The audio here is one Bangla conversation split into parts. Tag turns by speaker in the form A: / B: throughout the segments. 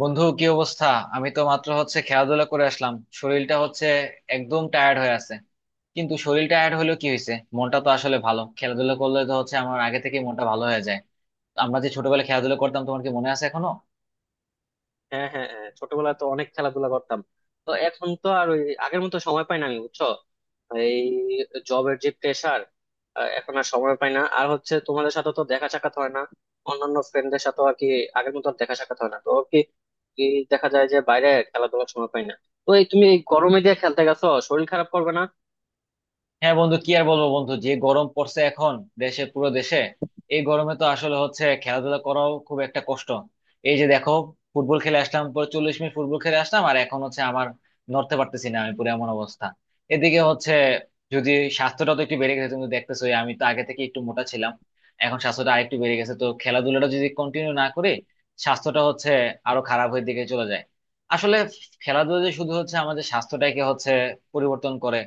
A: বন্ধু, কি অবস্থা? আমি তো মাত্র হচ্ছে খেলাধুলা করে আসলাম। শরীরটা হচ্ছে একদম টায়ার্ড হয়ে আছে। কিন্তু শরীর টায়ার্ড হলেও কি হয়েছে, মনটা তো আসলে ভালো, খেলাধুলা করলে তো হচ্ছে আমার আগে থেকে মনটা ভালো হয়ে যায়। আমরা যে ছোটবেলায় খেলাধুলা করতাম, তোমার কি মনে আছে এখনো?
B: হ্যাঁ, হ্যাঁ, হ্যাঁ, ছোটবেলায় তো অনেক খেলাধুলা করতাম। তো এখন তো আর ওই আগের মতো সময় পাই না, আমি বুঝছো, এই জবের যে প্রেশার, এখন আর সময় পাই না। আর হচ্ছে তোমাদের সাথে তো দেখা সাক্ষাৎ হয় না, অন্যান্য ফ্রেন্ডদের সাথে আর কি আগের মতো আর দেখা সাক্ষাৎ হয় না। তো কি কি দেখা যায় যে বাইরে খেলাধুলার সময় পাই না। তো এই তুমি এই গরমে দিয়ে খেলতে গেছো, শরীর খারাপ করবে না?
A: হ্যাঁ, বন্ধু কি আর বলবো, বন্ধু যে গরম পড়ছে এখন দেশে, পুরো দেশে। এই গরমে তো আসলে হচ্ছে খেলাধুলা করাও খুব একটা কষ্ট। এই যে দেখো, ফুটবল খেলে আসলাম, পরে 40 মিনিট ফুটবল খেলে আসলাম, আর এখন হচ্ছে আমার নড়তে পারতেছি না আমি, পুরো এমন অবস্থা। এদিকে হচ্ছে যদি স্বাস্থ্যটা তো একটু বেড়ে গেছে, তুমি তো দেখতেছো আমি তো আগে থেকে একটু মোটা ছিলাম। এখন স্বাস্থ্যটা আরেকটু বেড়ে গেছে, তো খেলাধুলাটা যদি কন্টিনিউ না করি স্বাস্থ্যটা হচ্ছে আরো খারাপের দিকে চলে যায়। আসলে খেলাধুলা যে শুধু হচ্ছে আমাদের স্বাস্থ্যটাকে হচ্ছে পরিবর্তন করে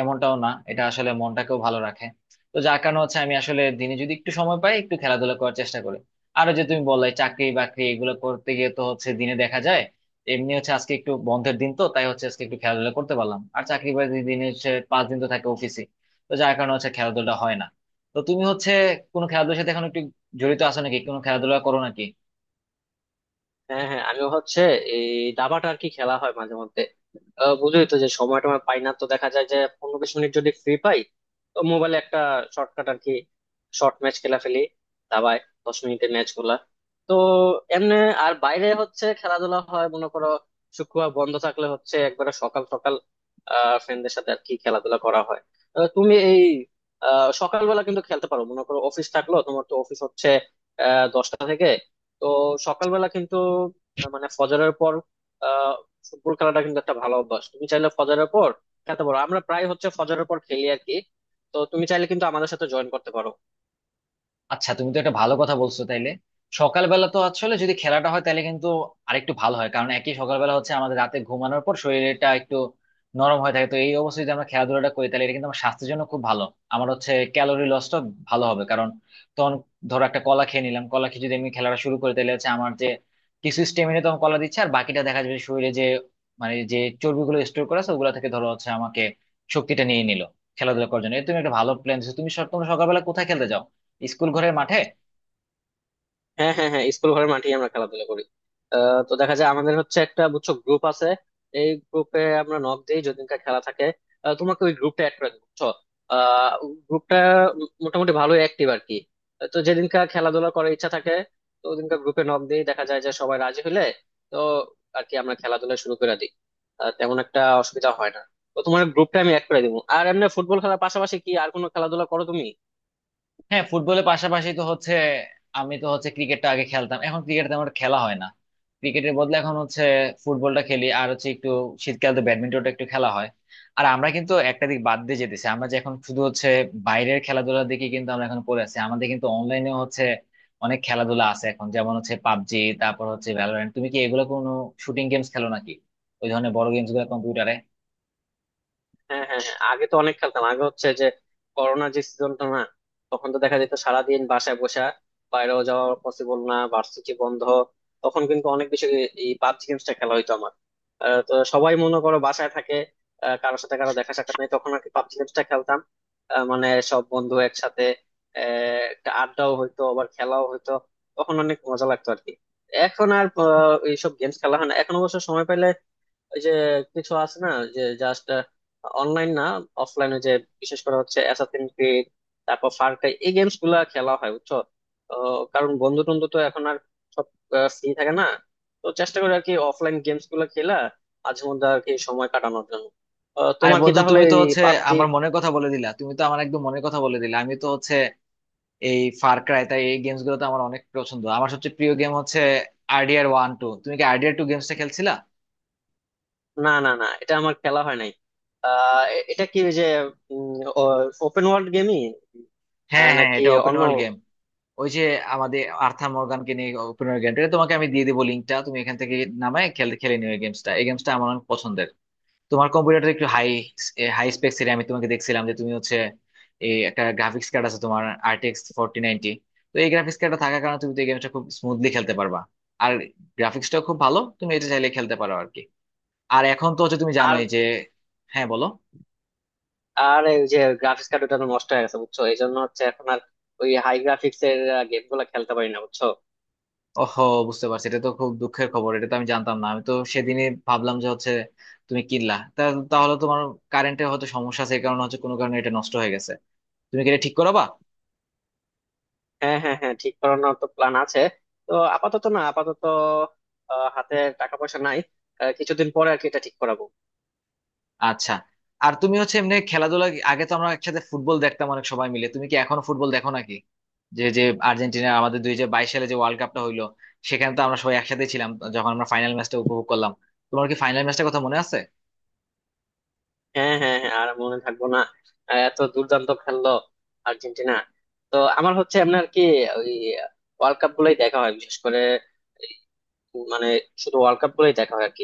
A: এমনটাও না, এটা আসলে মনটাকেও ভালো রাখে। তো যার কারণে হচ্ছে আমি আসলে দিনে যদি একটু সময় পাই একটু খেলাধুলা করার চেষ্টা করি। আর ওই যে তুমি বললে চাকরি বাকরি, এগুলো করতে গিয়ে তো হচ্ছে দিনে দেখা যায় এমনি হচ্ছে আজকে একটু বন্ধের দিন তো তাই হচ্ছে আজকে একটু খেলাধুলা করতে পারলাম, আর চাকরি বাকরি দিনে হচ্ছে 5 দিন তো থাকে অফিসে। তো যার কারণে হচ্ছে খেলাধুলা হয় না। তো তুমি হচ্ছে কোনো খেলাধুলার সাথে এখন একটু জড়িত আছো নাকি, কোনো খেলাধুলা করো নাকি?
B: হ্যাঁ, হ্যাঁ, আমিও হচ্ছে এই দাবাটা আর কি খেলা হয় মাঝে মধ্যে। বুঝোই তো যে সময় টময় পাই না, তো দেখা যায় যে 15 20 মিনিট যদি ফ্রি পাই, তো মোবাইলে একটা শর্টকাট আর কি, শর্ট ম্যাচ খেলা ফেলি দাবায়, 10 মিনিটের ম্যাচ গুলা। তো এমনি আর বাইরে হচ্ছে খেলাধুলা হয় মনে করো শুক্রবার বন্ধ থাকলে, হচ্ছে একবারে সকাল সকাল ফ্রেন্ডদের সাথে আর কি খেলাধুলা করা হয়। তুমি এই সকালবেলা কিন্তু খেলতে পারো, মনে করো অফিস থাকলো, তোমার তো অফিস হচ্ছে 10টা থেকে। তো সকালবেলা কিন্তু মানে ফজরের পর আহ ফুটবল খেলাটা কিন্তু একটা ভালো অভ্যাস। তুমি চাইলে ফজরের পর খেতে পারো, আমরা প্রায় হচ্ছে ফজরের পর খেলি আর কি। তো তুমি চাইলে কিন্তু আমাদের সাথে জয়েন করতে পারো।
A: আচ্ছা, তুমি তো একটা ভালো কথা বলছো, তাইলে সকালবেলা তো আসলে যদি খেলাটা হয় তাহলে কিন্তু আরেকটু ভালো হয়, কারণ একই সকালবেলা হচ্ছে আমাদের রাতে ঘুমানোর পর শরীরটা একটু নরম হয়ে থাকে, তো এই অবস্থায় যদি আমরা খেলাধুলাটা করি তাহলে এটা কিন্তু আমার স্বাস্থ্যের জন্য খুব ভালো। আমার হচ্ছে ক্যালোরি লসটা ভালো হবে, কারণ তখন ধরো একটা কলা খেয়ে নিলাম, কলা খেয়ে যদি আমি খেলাটা শুরু করি তাহলে হচ্ছে আমার যে কিছু স্টেমিনা তখন কলা দিচ্ছে, আর বাকিটা দেখা যাবে শরীরে যে মানে যে চর্বিগুলো স্টোর করা আছে ওগুলা থেকে ধরো হচ্ছে আমাকে শক্তিটা নিয়ে নিল খেলাধুলা করার জন্য। এই তুমি একটা ভালো প্ল্যান দিচ্ছ। তুমি তোমরা সকালবেলা কোথায় খেলতে যাও, স্কুল ঘরের মাঠে?
B: হ্যাঁ, হ্যাঁ, হ্যাঁ, স্কুল ঘরের মাঠেই আমরা খেলাধুলা করি। তো দেখা যায় আমাদের হচ্ছে একটা, বুঝছো, গ্রুপ আছে। এই গ্রুপে আমরা নক দিই যেদিনকার খেলা থাকে। তোমাকে ওই গ্রুপটা অ্যাড করে দিই বুঝছো। গ্রুপটা মোটামুটি ভালোই অ্যাক্টিভ আর কি। তো যেদিনকার খেলাধুলা করার ইচ্ছা থাকে, তো ওদিনকার গ্রুপে নক দিই, দেখা যায় যে সবাই রাজি হলে, তো আর কি আমরা খেলাধুলা শুরু করে দিই। তেমন একটা অসুবিধা হয় না। তো তোমার গ্রুপটা আমি অ্যাড করে দিবো। আর এমনি ফুটবল খেলার পাশাপাশি কি আর কোনো খেলাধুলা করো তুমি?
A: হ্যাঁ, ফুটবলের পাশাপাশি তো হচ্ছে আমি তো হচ্ছে ক্রিকেটটা আগে খেলতাম, এখন ক্রিকেট তেমন একটা খেলা হয় না। ক্রিকেটের বদলে এখন হচ্ছে ফুটবলটা খেলি, আর হচ্ছে একটু শীতকাল তো ব্যাডমিন্টনটা একটু খেলা হয়। আর আমরা কিন্তু একটা দিক বাদ দিয়ে যেতেছি, আমরা যে এখন শুধু হচ্ছে বাইরের খেলাধুলার দিকে কিন্তু আমরা এখন পড়ে আছি, আমাদের কিন্তু অনলাইনেও হচ্ছে অনেক খেলাধুলা আছে এখন, যেমন হচ্ছে পাবজি, তারপর হচ্ছে ভ্যালোরেন্ট। তুমি কি এগুলো কোনো শুটিং গেমস খেলো নাকি, ওই ধরনের বড় গেমস গুলো কম্পিউটারে?
B: হ্যাঁ, হ্যাঁ, হ্যাঁ, আগে তো অনেক খেলতাম। আগে হচ্ছে যে করোনা যে সিজনটা না, তখন তো দেখা যেত সারাদিন বাসায় বসা, বাইরেও যাওয়া পসিবল না, ভার্সিটি বন্ধ, তখন কিন্তু অনেক বেশি এই পাবজি গেমসটা খেলা হইতো আমার। তো সবাই মনে করো বাসায় থাকে, কারোর সাথে কারো দেখা সাক্ষাৎ নেই, তখন আর কি পাবজি গেমসটা খেলতাম। মানে সব বন্ধু একসাথে একটা আড্ডাও হইতো আবার খেলাও হইতো। তখন অনেক মজা লাগতো আর কি। এখন আর এইসব গেমস খেলা হয় না। এখন অবশ্য সময় পাইলে ওই যে কিছু আছে না, যে জাস্ট অনলাইন না, অফলাইনে, যে বিশেষ করে হচ্ছে অ্যাসাসিন ক্রিড, তারপর ফার ক্রাই, এই গেমস গুলা খেলা হয় বুঝছো। তো কারণ বন্ধু টন্ধু তো এখন আর সব ফ্রি থাকে না। তো চেষ্টা করি আর কি অফলাইন গেমস গুলা খেলা মাঝে মধ্যে আর কি সময় কাটানোর জন্য।
A: আরে
B: তোমার কি
A: বন্ধু,
B: তাহলে
A: তুমি তো
B: এই
A: হচ্ছে
B: পাবজি?
A: আমার মনের কথা বলে দিলা, তুমি তো আমার একদম মনের কথা বলে দিলা। আমি তো হচ্ছে এই ফার ক্রাই তাই এই গেমস গুলো তো আমার অনেক পছন্দ। আমার সবচেয়ে প্রিয় গেম হচ্ছে RDR 1, 2। তুমি কি RDR 2 গেমসটা খেলছিলা?
B: না, না, না, এটা আমার খেলা হয় নাই। এটা কি ওই যে ওপেন ওয়ার্ল্ড গেমই
A: হ্যাঁ হ্যাঁ,
B: নাকি
A: এটা ওপেন
B: অন্য?
A: World game. ওই যে আমাদের আর্থার মর্গানকে নিয়ে ওপেন ওয়ার্ল্ড গেম। এটা তোমাকে আমি দিয়ে দেবো লিঙ্কটা, তুমি এখান থেকে নামায় খেলে খেলে নিও। এই গেমসটা, এই গেমসটা আমার অনেক পছন্দের। তোমার কম্পিউটারটা একটু হাই, হাই স্পেক এর, আমি তোমাকে দেখছিলাম যে তুমি হচ্ছে এই একটা গ্রাফিক্স কার্ড আছে তোমার RTX 4090। তো এই গ্রাফিক্স কার্ডটা থাকার কারণে তুমি তো এই গেমটা খুব স্মুথলি খেলতে পারবা, আর গ্রাফিক্সটাও খুব ভালো, তুমি এটা চাইলে খেলতে পারো আর কি। আর এখন তো হচ্ছে তুমি
B: আর
A: জানোই যে হ্যাঁ বলো।
B: আর এই যে গ্রাফিক্স কার্ড, ওটা তো নষ্ট হয়ে গেছে বুঝছো। এই জন্য হচ্ছে এখন আর ওই হাই গ্রাফিক্স এর গেম গুলা খেলতে পারি না বুঝছো।
A: ওহো, বুঝতে পারছি, এটা তো খুব দুঃখের খবর, এটা তো আমি জানতাম না। আমি তো সেদিনই ভাবলাম যে হচ্ছে তুমি কিনলা তা। তাহলে তোমার কারেন্টে হয়তো সমস্যা আছে, এই কারণে হচ্ছে কোনো কারণে এটা নষ্ট হয়ে গেছে। তুমি কি এটা ঠিক করাবা?
B: হ্যাঁ, হ্যাঁ, হ্যাঁ, ঠিক করানোর তো প্ল্যান আছে। তো আপাতত হাতে টাকা পয়সা নাই। কিছুদিন পরে আর কি এটা ঠিক করাবো।
A: আচ্ছা। আর তুমি হচ্ছে এমনি খেলাধুলা আগে তো আমরা একসাথে ফুটবল দেখতাম অনেক সবাই মিলে, তুমি কি এখনো ফুটবল দেখো নাকি? যে যে আর্জেন্টিনা আমাদের 2022 সালে যে ওয়ার্ল্ড কাপটা হইলো, সেখানে তো আমরা সবাই একসাথে ছিলাম, যখন আমরা ফাইনাল ম্যাচটা উপভোগ করলাম। তোমার কি ফাইনাল ম্যাচটার কথা মনে আছে?
B: হ্যাঁ, হ্যাঁ, হ্যাঁ, আর মনে থাকবো না? এত দুর্দান্ত খেললো আর্জেন্টিনা। তো আমার হচ্ছে এমনি আর কি ওই ওয়ার্ল্ড কাপ গুলোই দেখা হয়, বিশেষ করে এই মানে শুধু ওয়ার্ল্ড কাপ গুলোই দেখা হয় আর কি।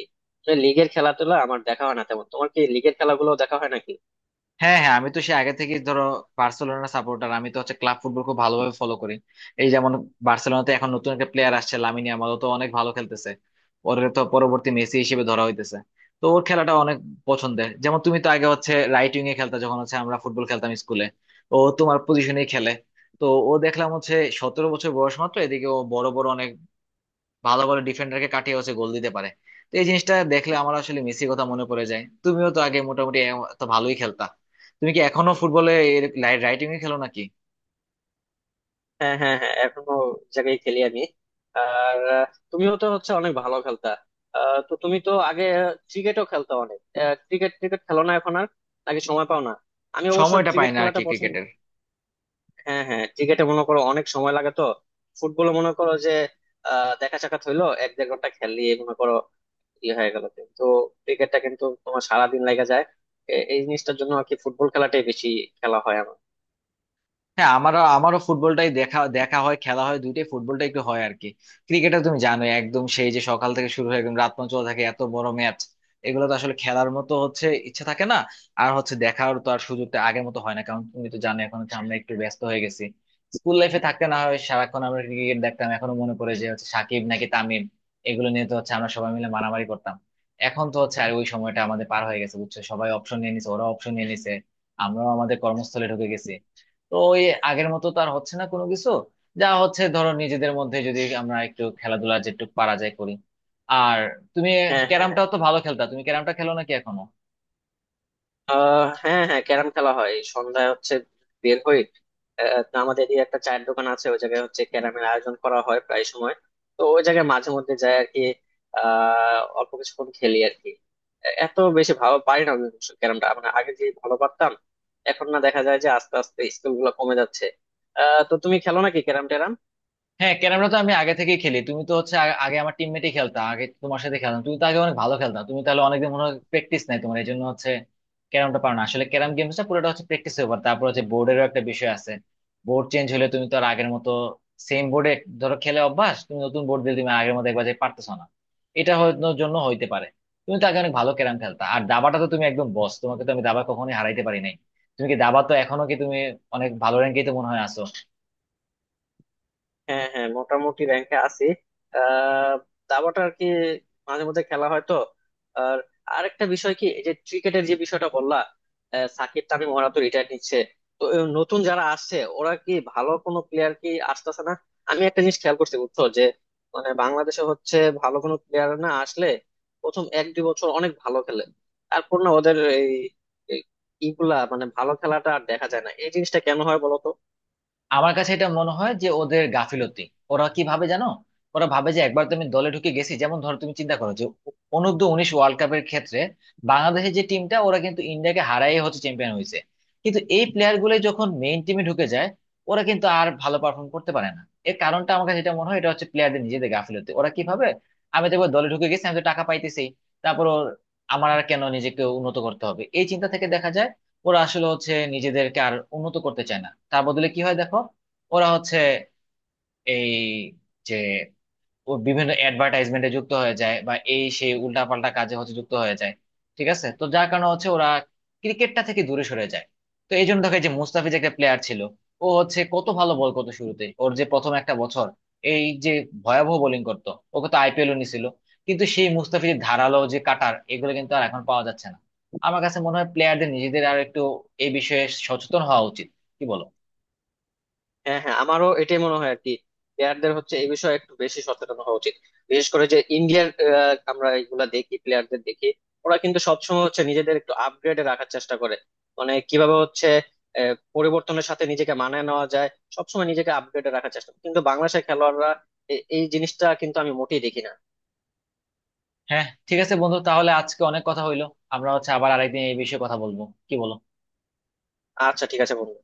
B: লিগের খেলা টেলা আমার দেখা হয় না তেমন। তোমার কি লিগের খেলাগুলো দেখা হয় নাকি?
A: হ্যাঁ হ্যাঁ, আমি তো সে আগে থেকেই ধরো বার্সেলোনা সাপোর্টার, আমি তো হচ্ছে ক্লাব ফুটবল খুব ভালোভাবে ফলো করি। এই যেমন বার্সেলোনাতে এখন নতুন একটা প্লেয়ার আসছে লামিন ইয়ামাল, ও তো অনেক ভালো খেলতেছে। ওর তো পরবর্তী মেসি হিসেবে ধরা হইতেছে। তো ওর খেলাটা অনেক পছন্দের। যেমন তুমি তো আগে হচ্ছে রাইট উইং এ খেলতা যখন হচ্ছে আমরা ফুটবল খেলতাম স্কুলে, ও তোমার পজিশনেই খেলে। তো ও দেখলাম হচ্ছে 17 বছর বয়স মাত্র, এদিকে ও বড় বড় অনেক ভালো ভালো ডিফেন্ডারকে কাটিয়ে হচ্ছে গোল দিতে পারে। তো এই জিনিসটা দেখলে আমার আসলে মেসির কথা মনে পড়ে যায়। তুমিও তো আগে মোটামুটি তো ভালোই খেলতা, তুমি কি এখনো ফুটবলে রাইটিং এ খেলো নাকি?
B: হ্যাঁ, হ্যাঁ, হ্যাঁ, এখনো জায়গায় খেলি আমি। আর আহ, তুমিও তো হচ্ছে অনেক ভালো খেলতা। তো তুমি তো আগে ক্রিকেটও খেলতা অনেক। ক্রিকেট ক্রিকেট খেলো না এখন আর? আগে সময় পাও না? আমি অবশ্য
A: সময়টা পাই
B: ক্রিকেট
A: না আর
B: খেলাটা
A: কি
B: পছন্দ।
A: ক্রিকেটের।
B: হ্যাঁ, হ্যাঁ, ক্রিকেটে মনে করো অনেক সময় লাগে তো। ফুটবলে মনে করো যে দেখা সাক্ষাৎ হইলো, 1 দেড় ঘন্টা খেললি মনে করো, ইয়ে হয়ে গেল। কিন্তু ক্রিকেটটা কিন্তু তোমার সারাদিন লেগে যায়। এই জিনিসটার জন্য আর কি ফুটবল খেলাটাই বেশি খেলা হয় আমার।
A: হ্যাঁ, আমারও আমারও ফুটবলটাই দেখা দেখা হয়, খেলা হয় দুইটাই, ফুটবলটা একটু হয় আর কি। ক্রিকেটটা তুমি জানো একদম সেই যে সকাল থেকে শুরু হয়ে একদম রাত পর্যন্ত চলে থাকে, এত বড় ম্যাচ এগুলো তো আসলে খেলার মতো হচ্ছে ইচ্ছে থাকে না। আর হচ্ছে দেখার তো আর সুযোগটা আগের মতো হয় না, কারণ তুমি তো জানো এখন হচ্ছে আমরা একটু ব্যস্ত হয়ে গেছি। স্কুল লাইফে থাকতে না হয় সারাক্ষণ আমরা ক্রিকেট দেখতাম, এখনো মনে পড়ে যে হচ্ছে সাকিব নাকি তামিম, এগুলো নিয়ে তো হচ্ছে আমরা সবাই মিলে মারামারি করতাম। এখন তো হচ্ছে আর ওই সময়টা আমাদের পার হয়ে গেছে বুঝছো, সবাই অপশন নিয়ে নিছে, ওরা অপশন নিয়ে নিছে, আমরাও আমাদের কর্মস্থলে ঢুকে গেছি। তো ওই আগের মতো তো আর হচ্ছে না কোনো কিছু, যা হচ্ছে ধরো নিজেদের মধ্যে যদি আমরা একটু খেলাধুলা যেটুকু পারা যায় করি। আর তুমি
B: হ্যাঁ, হ্যাঁ,
A: ক্যারামটাও তো ভালো খেলতা, তুমি ক্যারামটা খেলো নাকি এখনো?
B: হ্যাঁ, হ্যাঁ, ক্যারাম খেলা হয় এই সন্ধ্যায় হচ্ছে বের হই। তো আমাদের এদিকে একটা চায়ের দোকান আছে, ওই জায়গায় হচ্ছে ক্যারামের আয়োজন করা হয় প্রায় সময়। তো ওই জায়গায় মাঝে মধ্যে যাই আর কি, অল্প কিছুক্ষণ খেলি আর কি। এত বেশি ভালো পারি না আমি অবশ্য ক্যারামটা, মানে আগে যে ভালো পারতাম, এখন না দেখা যায় যে আস্তে আস্তে স্কিল গুলো কমে যাচ্ছে। তো তুমি খেলো নাকি ক্যারাম ট্যারাম?
A: হ্যাঁ, ক্যারামটা তো আমি আগে থেকেই খেলি। তুমি তো হচ্ছে আগে আমার টিমমেটই খেলতা, আগে তোমার সাথে খেলতাম, তুমি তো আগে অনেক ভালো খেলতা। তুমি তাহলে অনেকদিন মনে হয় প্র্যাকটিস নাই তোমার, এই জন্য হচ্ছে ক্যারামটা পারো না। আসলে ক্যারাম গেমসটা পুরোটা হচ্ছে প্র্যাকটিস ব্যাপার, তারপর হচ্ছে বোর্ডেরও একটা বিষয় আছে। বোর্ড চেঞ্জ হলে তুমি তো আর আগের মতো সেম বোর্ডে ধরো খেলে অভ্যাস, তুমি নতুন বোর্ড দিলে তুমি আগের মতো একবার যে পারতেছো না, এটা হওয়ার জন্য হইতে পারে। তুমি তো আগে অনেক ভালো ক্যারাম খেলতা। আর দাবাটা তো তুমি একদম বস, তোমাকে তো আমি দাবা কখনোই হারাইতে পারি নাই। তুমি কি দাবা তো এখনো কি তুমি অনেক ভালো র্যাঙ্কেই তো মনে হয় আছো?
B: হ্যাঁ, হ্যাঁ, মোটামুটি র্যাঙ্কে আছি। আহ দাবাটা আর কি মাঝে মধ্যে খেলা হয়। তো আর আরেকটা বিষয় কি, এই যে ক্রিকেটের যে বিষয়টা বললা, সাকিব তামিম ওরা তো রিটায়ার নিচ্ছে। তো এই নতুন যারা আসছে ওরা কি ভালো কোনো প্লেয়ার কি আসতেছে না? আমি একটা জিনিস খেয়াল করছি বুঝছো, যে মানে বাংলাদেশে হচ্ছে ভালো কোনো প্লেয়ার না আসলে প্রথম 1 2 বছর অনেক ভালো খেলে। তারপর না ওদের এই এই ইগুলা, মানে ভালো খেলাটা আর দেখা যায় না। এই জিনিসটা কেন হয় বলো তো?
A: আমার কাছে এটা মনে হয় যে ওদের গাফিলতি। ওরা কি ভাবে জানো, ওরা ভাবে যে একবার তুমি দলে ঢুকে গেছি, যেমন ধরো তুমি চিন্তা করো যে অনূর্ধ্ব 19 ওয়ার্ল্ড কাপের ক্ষেত্রে বাংলাদেশের যে টিমটা, ওরা কিন্তু ইন্ডিয়াকে হারাই হচ্ছে চ্যাম্পিয়ন হয়েছে। কিন্তু এই প্লেয়ার গুলো যখন মেইন টিমে ঢুকে যায় ওরা কিন্তু আর ভালো পারফর্ম করতে পারে না। এর কারণটা আমার কাছে এটা মনে হয় এটা হচ্ছে প্লেয়ারদের নিজেদের গাফিলতি। ওরা কি ভাবে, আমি তো একবার দলে ঢুকে গেছি, আমি তো টাকা পাইতেছি, তারপর আমার আর কেন নিজেকে উন্নত করতে হবে, এই চিন্তা থেকে দেখা যায় ওরা আসলে হচ্ছে নিজেদেরকে আর উন্নত করতে চায় না। তার বদলে কি হয় দেখো, ওরা হচ্ছে এই যে ও বিভিন্ন অ্যাডভার্টাইজমেন্টে যুক্ত হয়ে যায়, বা এই সেই উল্টাপাল্টা কাজে হচ্ছে যুক্ত হয়ে যায়, ঠিক আছে। তো যার কারণে হচ্ছে ওরা ক্রিকেটটা থেকে দূরে সরে যায়। তো এই জন্য দেখো এই যে মুস্তাফিজ একটা প্লেয়ার ছিল, ও হচ্ছে কত ভালো বল করতো শুরুতে, ওর যে প্রথম একটা বছর এই যে ভয়াবহ বোলিং করতো, ওকে তো আইপিএল ও নিছিল। কিন্তু সেই মুস্তাফিজের ধারালো যে কাটার এগুলো কিন্তু আর এখন পাওয়া যাচ্ছে না। আমার কাছে মনে হয় প্লেয়ারদের নিজেদের আর একটু এই বিষয়ে সচেতন হওয়া উচিত। কি বলো?
B: হ্যাঁ, হ্যাঁ, আমারও এটাই মনে হয় আর কি। প্লেয়ারদের হচ্ছে এই বিষয়ে একটু বেশি সচেতন হওয়া উচিত। বিশেষ করে যে ইন্ডিয়ার আমরা এগুলা দেখি, প্লেয়ারদের দেখি, ওরা কিন্তু সবসময় হচ্ছে নিজেদের একটু আপগ্রেডে রাখার চেষ্টা করে। মানে কিভাবে হচ্ছে পরিবর্তনের সাথে নিজেকে মানায় নেওয়া যায়, সবসময় নিজেকে আপগ্রেডে রাখার চেষ্টা করে। কিন্তু বাংলাদেশের খেলোয়াড়রা এই জিনিসটা কিন্তু আমি মোটেই দেখি না।
A: হ্যাঁ, ঠিক আছে বন্ধু, তাহলে আজকে অনেক কথা হইলো। আমরা হচ্ছে আবার আরেকদিন এই বিষয়ে কথা বলবো, কি বলো?
B: আচ্ছা, ঠিক আছে বন্ধু।